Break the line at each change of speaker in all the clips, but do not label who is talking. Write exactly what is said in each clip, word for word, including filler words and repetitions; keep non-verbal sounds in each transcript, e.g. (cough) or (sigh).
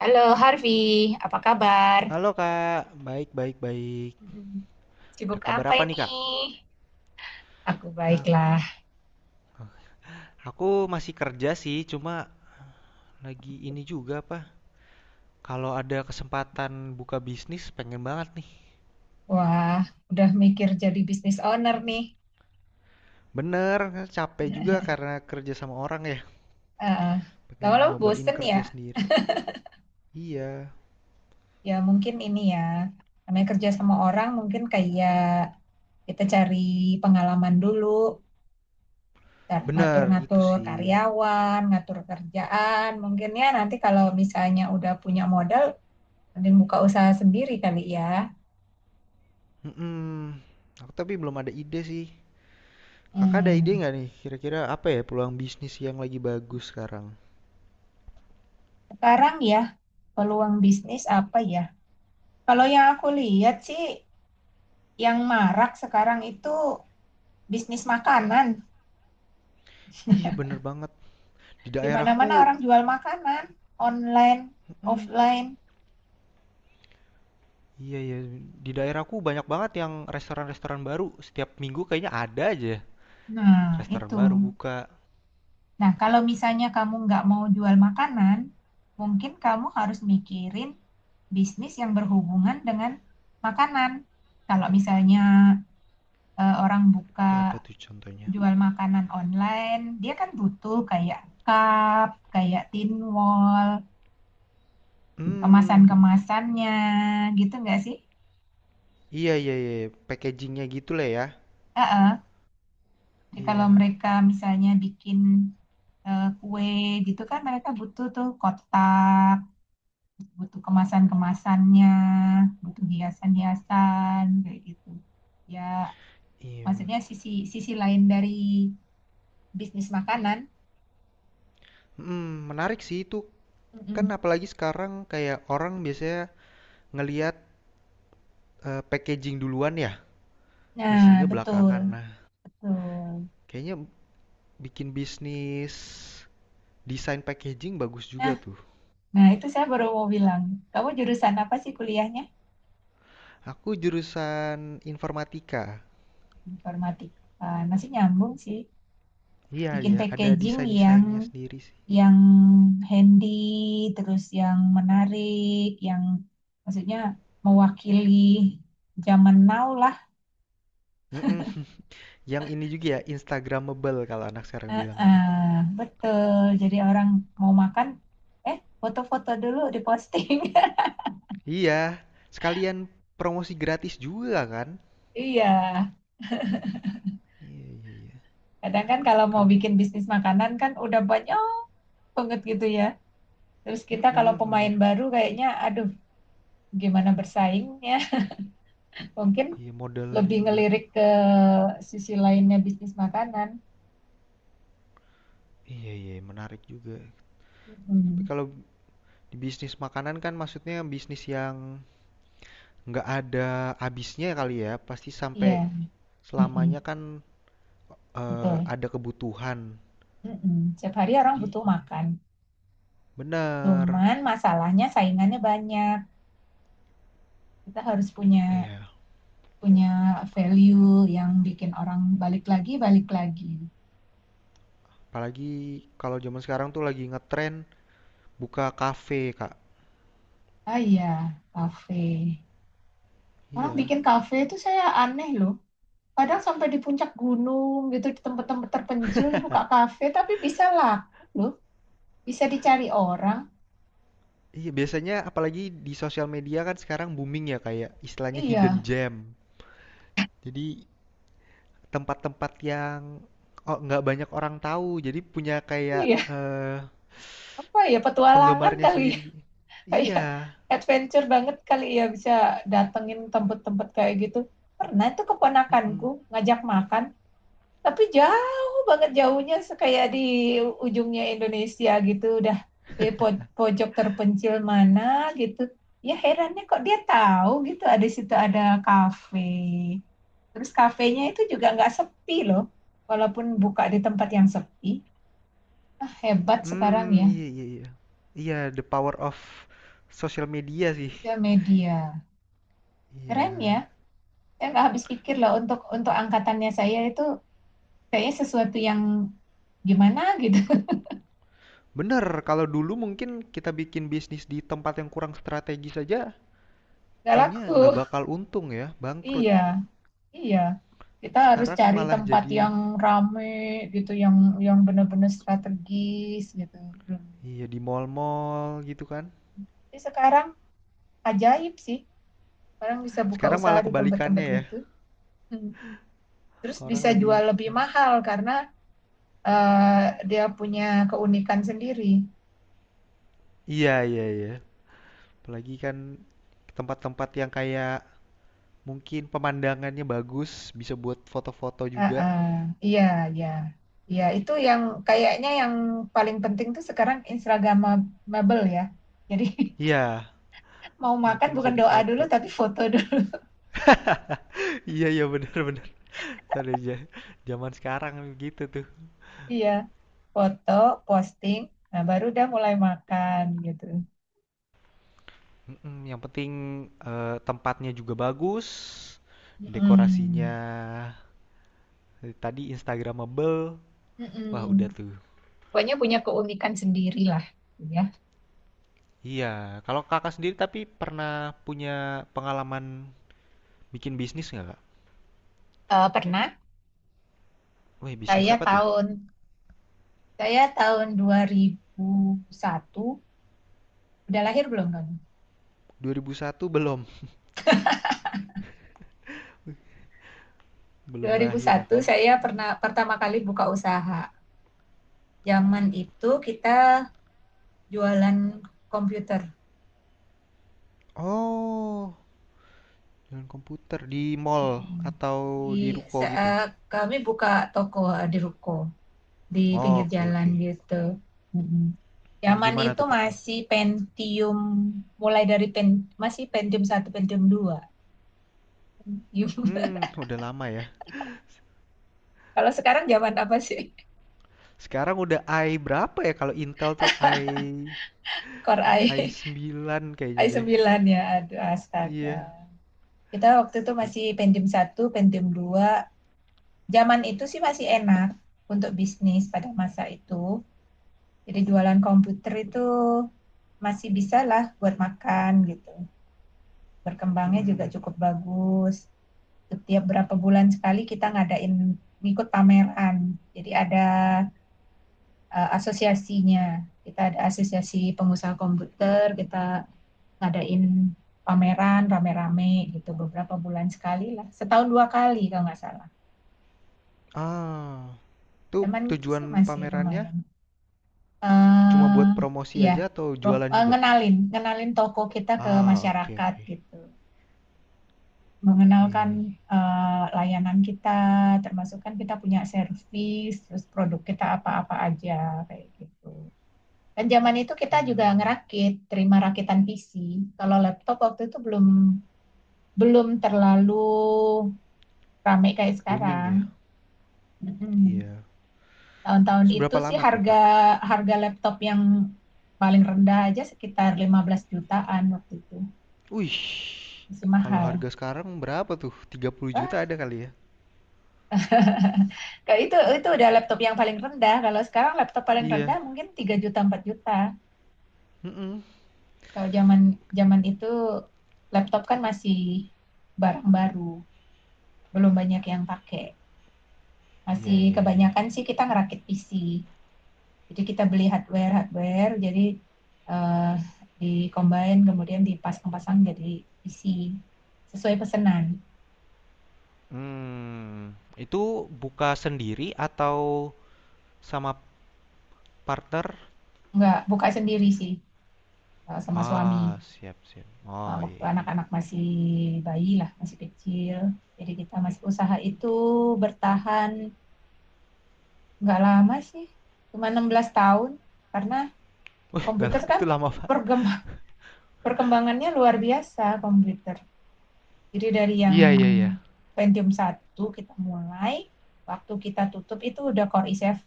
Halo Harvey, apa kabar?
Halo Kak, baik baik baik.
Mm-mm.
Ada
Sibuk
kabar
apa
apa nih
ini?
Kak?
Aku
A-
baiklah.
Aku masih kerja sih, cuma lagi ini juga apa? Kalau ada kesempatan buka bisnis pengen banget nih.
Wah, udah mikir jadi bisnis owner nih.
Bener, capek juga karena kerja sama orang ya.
Eh,
Pengen
Lama-lama
nyobain
bosen
kerja
ya?
sendiri. Iya,
Ya mungkin ini ya, namanya kerja sama orang mungkin kayak kita cari pengalaman dulu, ntar
bener itu
ngatur-ngatur
sih.
karyawan, ngatur kerjaan. Mungkin ya nanti kalau misalnya udah punya modal, mending buka usaha sendiri kali ya.
mm Aku tapi belum ada ide sih. Kakak ada ide
Hmm.
nggak nih? Kira-kira apa ya peluang bisnis yang lagi bagus sekarang?
Sekarang ya, peluang bisnis apa ya? Kalau yang aku lihat sih, yang marak sekarang itu bisnis makanan.
Iya bener banget. Di
Di
daerahku,
mana-mana orang jual makanan, online,
mm,
offline.
iya ya, di daerahku banyak banget yang restoran-restoran baru. Setiap minggu kayaknya ada aja
Nah,
restoran
itu.
baru buka.
Nah, kalau misalnya kamu nggak mau jual makanan, mungkin kamu harus mikirin bisnis yang berhubungan dengan makanan. Kalau misalnya eh, orang buka
Kayak apa tuh contohnya?
jual makanan online, dia kan butuh kayak cup, kayak tin wall,
Hmm,
kemasan-kemasannya, gitu nggak sih?
iya iya iya, packagingnya gitu lah ya.
Heeh. Jadi Kalau
Iya,
mereka misalnya bikin eh, kue gitu kan mereka butuh tuh kotak, butuh kemasan-kemasannya, butuh hiasan-hiasan, kayak gitu. Ya,
iya.
maksudnya sisi sisi lain dari bisnis makanan.
Hmm, menarik sih itu. Kan
Mm-mm.
apalagi sekarang kayak orang biasanya ngelihat eh, packaging duluan ya,
Nah,
isinya
betul,
belakangan. Nah,
betul.
kayaknya bikin bisnis desain packaging bagus juga
Nah,
tuh.
Nah, itu saya baru mau bilang, kamu jurusan apa sih kuliahnya?
Aku jurusan informatika.
Informatik. Ah, masih nyambung sih.
Iya
Bikin
iya, ada
packaging yang
desain-desainnya sendiri sih.
yang handy, terus yang menarik, yang maksudnya mewakili zaman now lah.
Mm-mm. (laughs) Yang ini juga ya, Instagramable kalau anak sekarang
Eh,
bilang tuh.
eh, betul. Jadi orang mau makan, eh foto-foto dulu diposting. (laughs)
Iya, sekalian promosi gratis juga kan?
Iya.
Iya iya iya.
Kadang kan kalau mau
Kalau
bikin bisnis makanan kan udah banyak banget gitu ya. Terus kita kalau
mm
pemain
Bener.
baru kayaknya aduh gimana bersaingnya. Mungkin
Iya modalnya
lebih
juga.
ngelirik ke sisi lainnya bisnis makanan.
Iya iya menarik juga. Tapi
Mm-mm.
kalau di bisnis makanan kan maksudnya bisnis yang nggak ada habisnya kali ya. Pasti
Iya,
sampai selamanya
Mm-mm.
kan eh,
betul.
ada kebutuhan.
Mm-mm. Setiap hari orang
Di
butuh
iya.
makan.
Bener.
Cuman masalahnya saingannya banyak. Kita harus punya
Iya.
punya value yang bikin orang balik lagi, balik lagi.
Apalagi kalau zaman sekarang tuh lagi ngetren buka kafe, Kak.
Ah iya, kafe. Orang
Iya.
bikin kafe itu saya aneh loh. Kadang sampai di puncak gunung gitu, di tempat-tempat terpencil dibuka kafe, tapi bisa laku loh. bisa dicari orang.
Iya, biasanya apalagi di sosial media kan sekarang booming ya kayak istilahnya hidden
Iya,
gem. Jadi tempat-tempat yang oh, nggak banyak orang tahu, jadi punya kayak
iya.
eh,
Apa ya petualangan
penggemarnya
kali ya.
sendiri.
(laughs) Kayak
Iya.
adventure banget kali ya bisa datengin tempat-tempat kayak gitu. Pernah itu keponakanku
Mm-mm.
ngajak makan, tapi jauh banget jauhnya, se- kayak di ujungnya Indonesia gitu, udah di po- pojok terpencil mana gitu. Ya herannya kok dia tahu, gitu ada situ ada kafe. Terus kafenya itu juga nggak sepi loh, walaupun buka di tempat yang sepi. Ah, hebat sekarang
Hmm,
ya,
iya iya iya. Iya, the power of social media sih.
sosial media. Keren ya.
Iya.
Saya nggak habis pikir loh untuk untuk angkatannya saya itu kayaknya sesuatu yang gimana gitu. (laughs)
Bener, kalau dulu mungkin kita bikin bisnis di tempat yang kurang strategis saja.
Nggak
Kayaknya
laku.
nggak bakal untung ya, bangkrut.
Iya, iya. Kita harus
Sekarang
cari
malah
tempat
jadi,
yang rame gitu, yang yang benar-benar strategis gitu. Hmm.
iya, di mall-mall gitu kan.
Tapi sekarang ajaib sih. Orang bisa buka
Sekarang
usaha
malah
di tempat-tempat
kebalikannya ya.
gitu. Hmm. Terus bisa
Orang lebih,
jual lebih mahal karena eh, dia punya keunikan sendiri.
iya iya iya. Apalagi kan tempat-tempat yang kayak mungkin pemandangannya bagus, bisa buat foto-foto juga.
Heeh. Iya, iya. Iya, itu yang kayaknya yang paling penting tuh sekarang Instagramable ya. Jadi (laughs)
Iya,
mau
yang
makan
penting bisa
bukan doa dulu
difoto. (laughs)
tapi foto dulu. (laughs)
Iya iya benar benar. Tadi aja zaman sekarang gitu tuh.
Iya, foto, posting, nah baru udah mulai makan gitu.
Mm-mm, yang penting eh, tempatnya juga bagus, dekorasinya.
Mm-mm.
Tadi Instagramable, wah udah
Mm-mm.
tuh.
Pokoknya punya keunikan sendiri lah. gitu Ya.
Iya, kalau kakak sendiri tapi pernah punya pengalaman bikin bisnis nggak kak?
Eh, pernah
Weh, bisnis
saya
apa tuh?
tahun saya tahun dua ribu satu udah lahir belum kamu?
dua ribu satu belum, belum
dua ribu
lahir
satu
aku.
saya pernah pertama kali buka usaha. Zaman itu kita jualan komputer.
Oh, jualan komputer di mall
Mm.
atau
Di
di ruko gitu?
saat kami buka toko eh, di ruko di pinggir
Oke,
jalan
oke.
gitu. Mm. Zaman
Gimana
itu
tuh kak?
masih Pentium mulai dari pen, masih Pentium satu Pentium dua. (laughs)
Hmm, udah lama ya.
Kalau sekarang zaman apa sih?
Sekarang udah i berapa ya kalau Intel tuh i
Core
i
i
sembilan
(laughs)
kayaknya
i
deh.
sembilan ya. Aduh, astaga.
Iya.
Kita waktu itu masih Pentium satu Pentium dua. Zaman itu sih masih enak untuk bisnis pada masa itu Jadi jualan komputer itu masih bisa lah buat makan gitu. Berkembangnya juga cukup
(laughs)
bagus. Setiap berapa bulan sekali kita ngadain ngikut pameran. Jadi ada eh, asosiasinya. Kita ada asosiasi pengusaha komputer, kita ngadain pameran rame-rame gitu beberapa bulan sekali lah. Setahun dua kali kalau nggak salah.
Ah, itu
Zaman itu
tujuan
sih masih
pamerannya
lumayan.
cuma
eh
buat promosi
ya
aja atau
pro-
jualan
eh,
juga?
ngenalin, ngenalin toko kita ke
Ah, oke
masyarakat
oke.
gitu. Mengenalkan
Wih.
eh, layanan kita, termasuk kan kita punya servis, terus produk kita apa-apa aja kayak gitu. Dan zaman itu kita juga
Hmm,
ngerakit, terima rakitan P C. Kalau laptop waktu itu belum belum terlalu rame kayak
booming
sekarang.
ya?
Mm-mm.
Iya.
Tahun-tahun itu
Seberapa
sih
lama tuh,
harga
Kak?
harga laptop yang paling rendah aja sekitar lima belas jutaan waktu itu.
Wih.
Masih
Kalau
mahal.
harga sekarang berapa tuh? tiga puluh
Wah,
juta ada kali ya?
kalau itu itu udah laptop yang paling rendah. Kalau sekarang laptop paling rendah
Iya.
mungkin tiga juta empat juta.
Mm-mm.
Kalau zaman zaman itu laptop kan masih barang baru, belum banyak yang pakai.
Iya,
Masih
iya, iya.
kebanyakan sih kita ngerakit P C. Jadi kita beli hardware hardware, jadi eh, di-combine kemudian dipasang-pasang jadi P C sesuai pesanan.
Hmm, itu buka sendiri atau sama partner?
Nggak buka sendiri sih eh, sama suami.
Ah, siap, siap.
Eh,
Oh, iya,
waktu
iya.
anak-anak masih bayi lah, masih kecil. Jadi kita masih usaha itu bertahan nggak lama sih, cuma enam belas tahun karena
Wih, (laughs) gak,
komputer kan
itu lama, Pak.
pergem- perkembangannya luar biasa komputer. Jadi dari yang
Iya, iya, iya.
Pentium satu kita mulai, waktu kita tutup itu udah Core i tujuh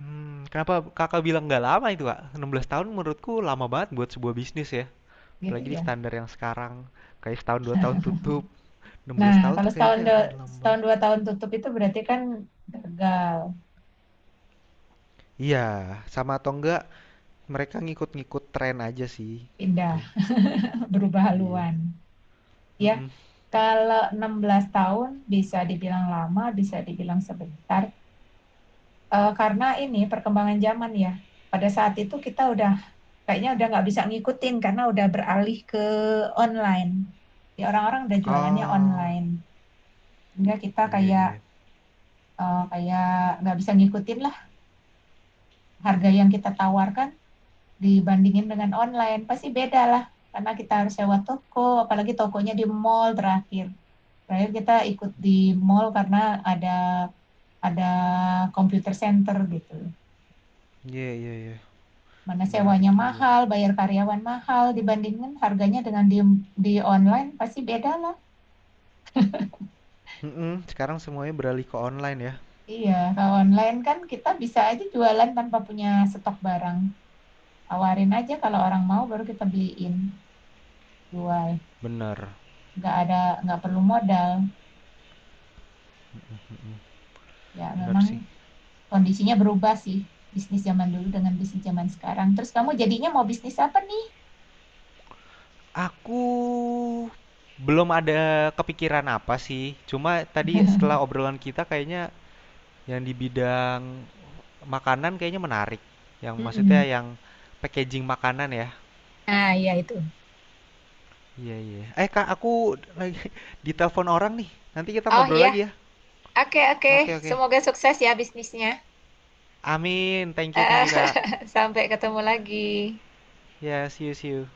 Hmm, kenapa kakak bilang nggak lama itu kak? enam belas tahun menurutku lama banget buat sebuah bisnis ya.
gitu
Apalagi di
ya.
standar yang sekarang. Kayak setahun dua tahun tutup.
Nah,
enam belas tahun
kalau
tuh
setahun
kayaknya udah lama
setahun
banget.
dua tahun tutup itu berarti kan gagal
Iya, sama atau enggak mereka ngikut-ngikut tren aja sih.
pindah
Tuh,
(laughs) berubah
iya.
haluan ya.
Mm-mm.
Kalau enam belas tahun bisa dibilang lama, bisa dibilang sebentar Eh, karena ini perkembangan zaman ya. Pada saat itu kita udah kayaknya udah nggak bisa ngikutin karena udah beralih ke online. Ya orang-orang udah jualannya
Ah,
online, hingga kita
iya
kayak
iya.
eh, kayak nggak bisa ngikutin lah. Harga yang kita tawarkan dibandingin dengan online pasti beda lah, karena kita harus sewa toko, apalagi tokonya di mall. Terakhir terakhir kita ikut di mall karena ada ada computer center gitu,
Iya iya iya.
mana
Menarik
sewanya
juga.
mahal, bayar karyawan mahal, dibandingin harganya dengan di di online pasti beda lah.
Mm-mm, sekarang semuanya beralih ke online ya.
Iya kalau online kan kita bisa aja jualan tanpa punya stok barang. Tawarin aja, kalau orang mau baru kita beliin jual.
Bener.
Nggak ada, nggak perlu modal.
Mm-mm,
Ya
bener
memang
sih.
kondisinya berubah sih, bisnis zaman dulu dengan bisnis zaman sekarang. Terus kamu jadinya mau bisnis apa nih?
Aku belum ada kepikiran apa sih. Cuma tadi setelah obrolan kita kayaknya yang di bidang makanan kayaknya menarik. Yang maksudnya
Mm-mm.
yang packaging makanan ya.
Nah, ya itu.
Iya, iya. Eh, Kak, aku lagi (laughs) ditelepon orang nih. Nanti kita
Oh
ngobrol
ya,
lagi ya.
oke oke.
Oke, oke.
Semoga sukses ya bisnisnya.
Amin. Thank you, thank you, Kak.
(laughs) sampai ketemu lagi.
Ya, see you, see you.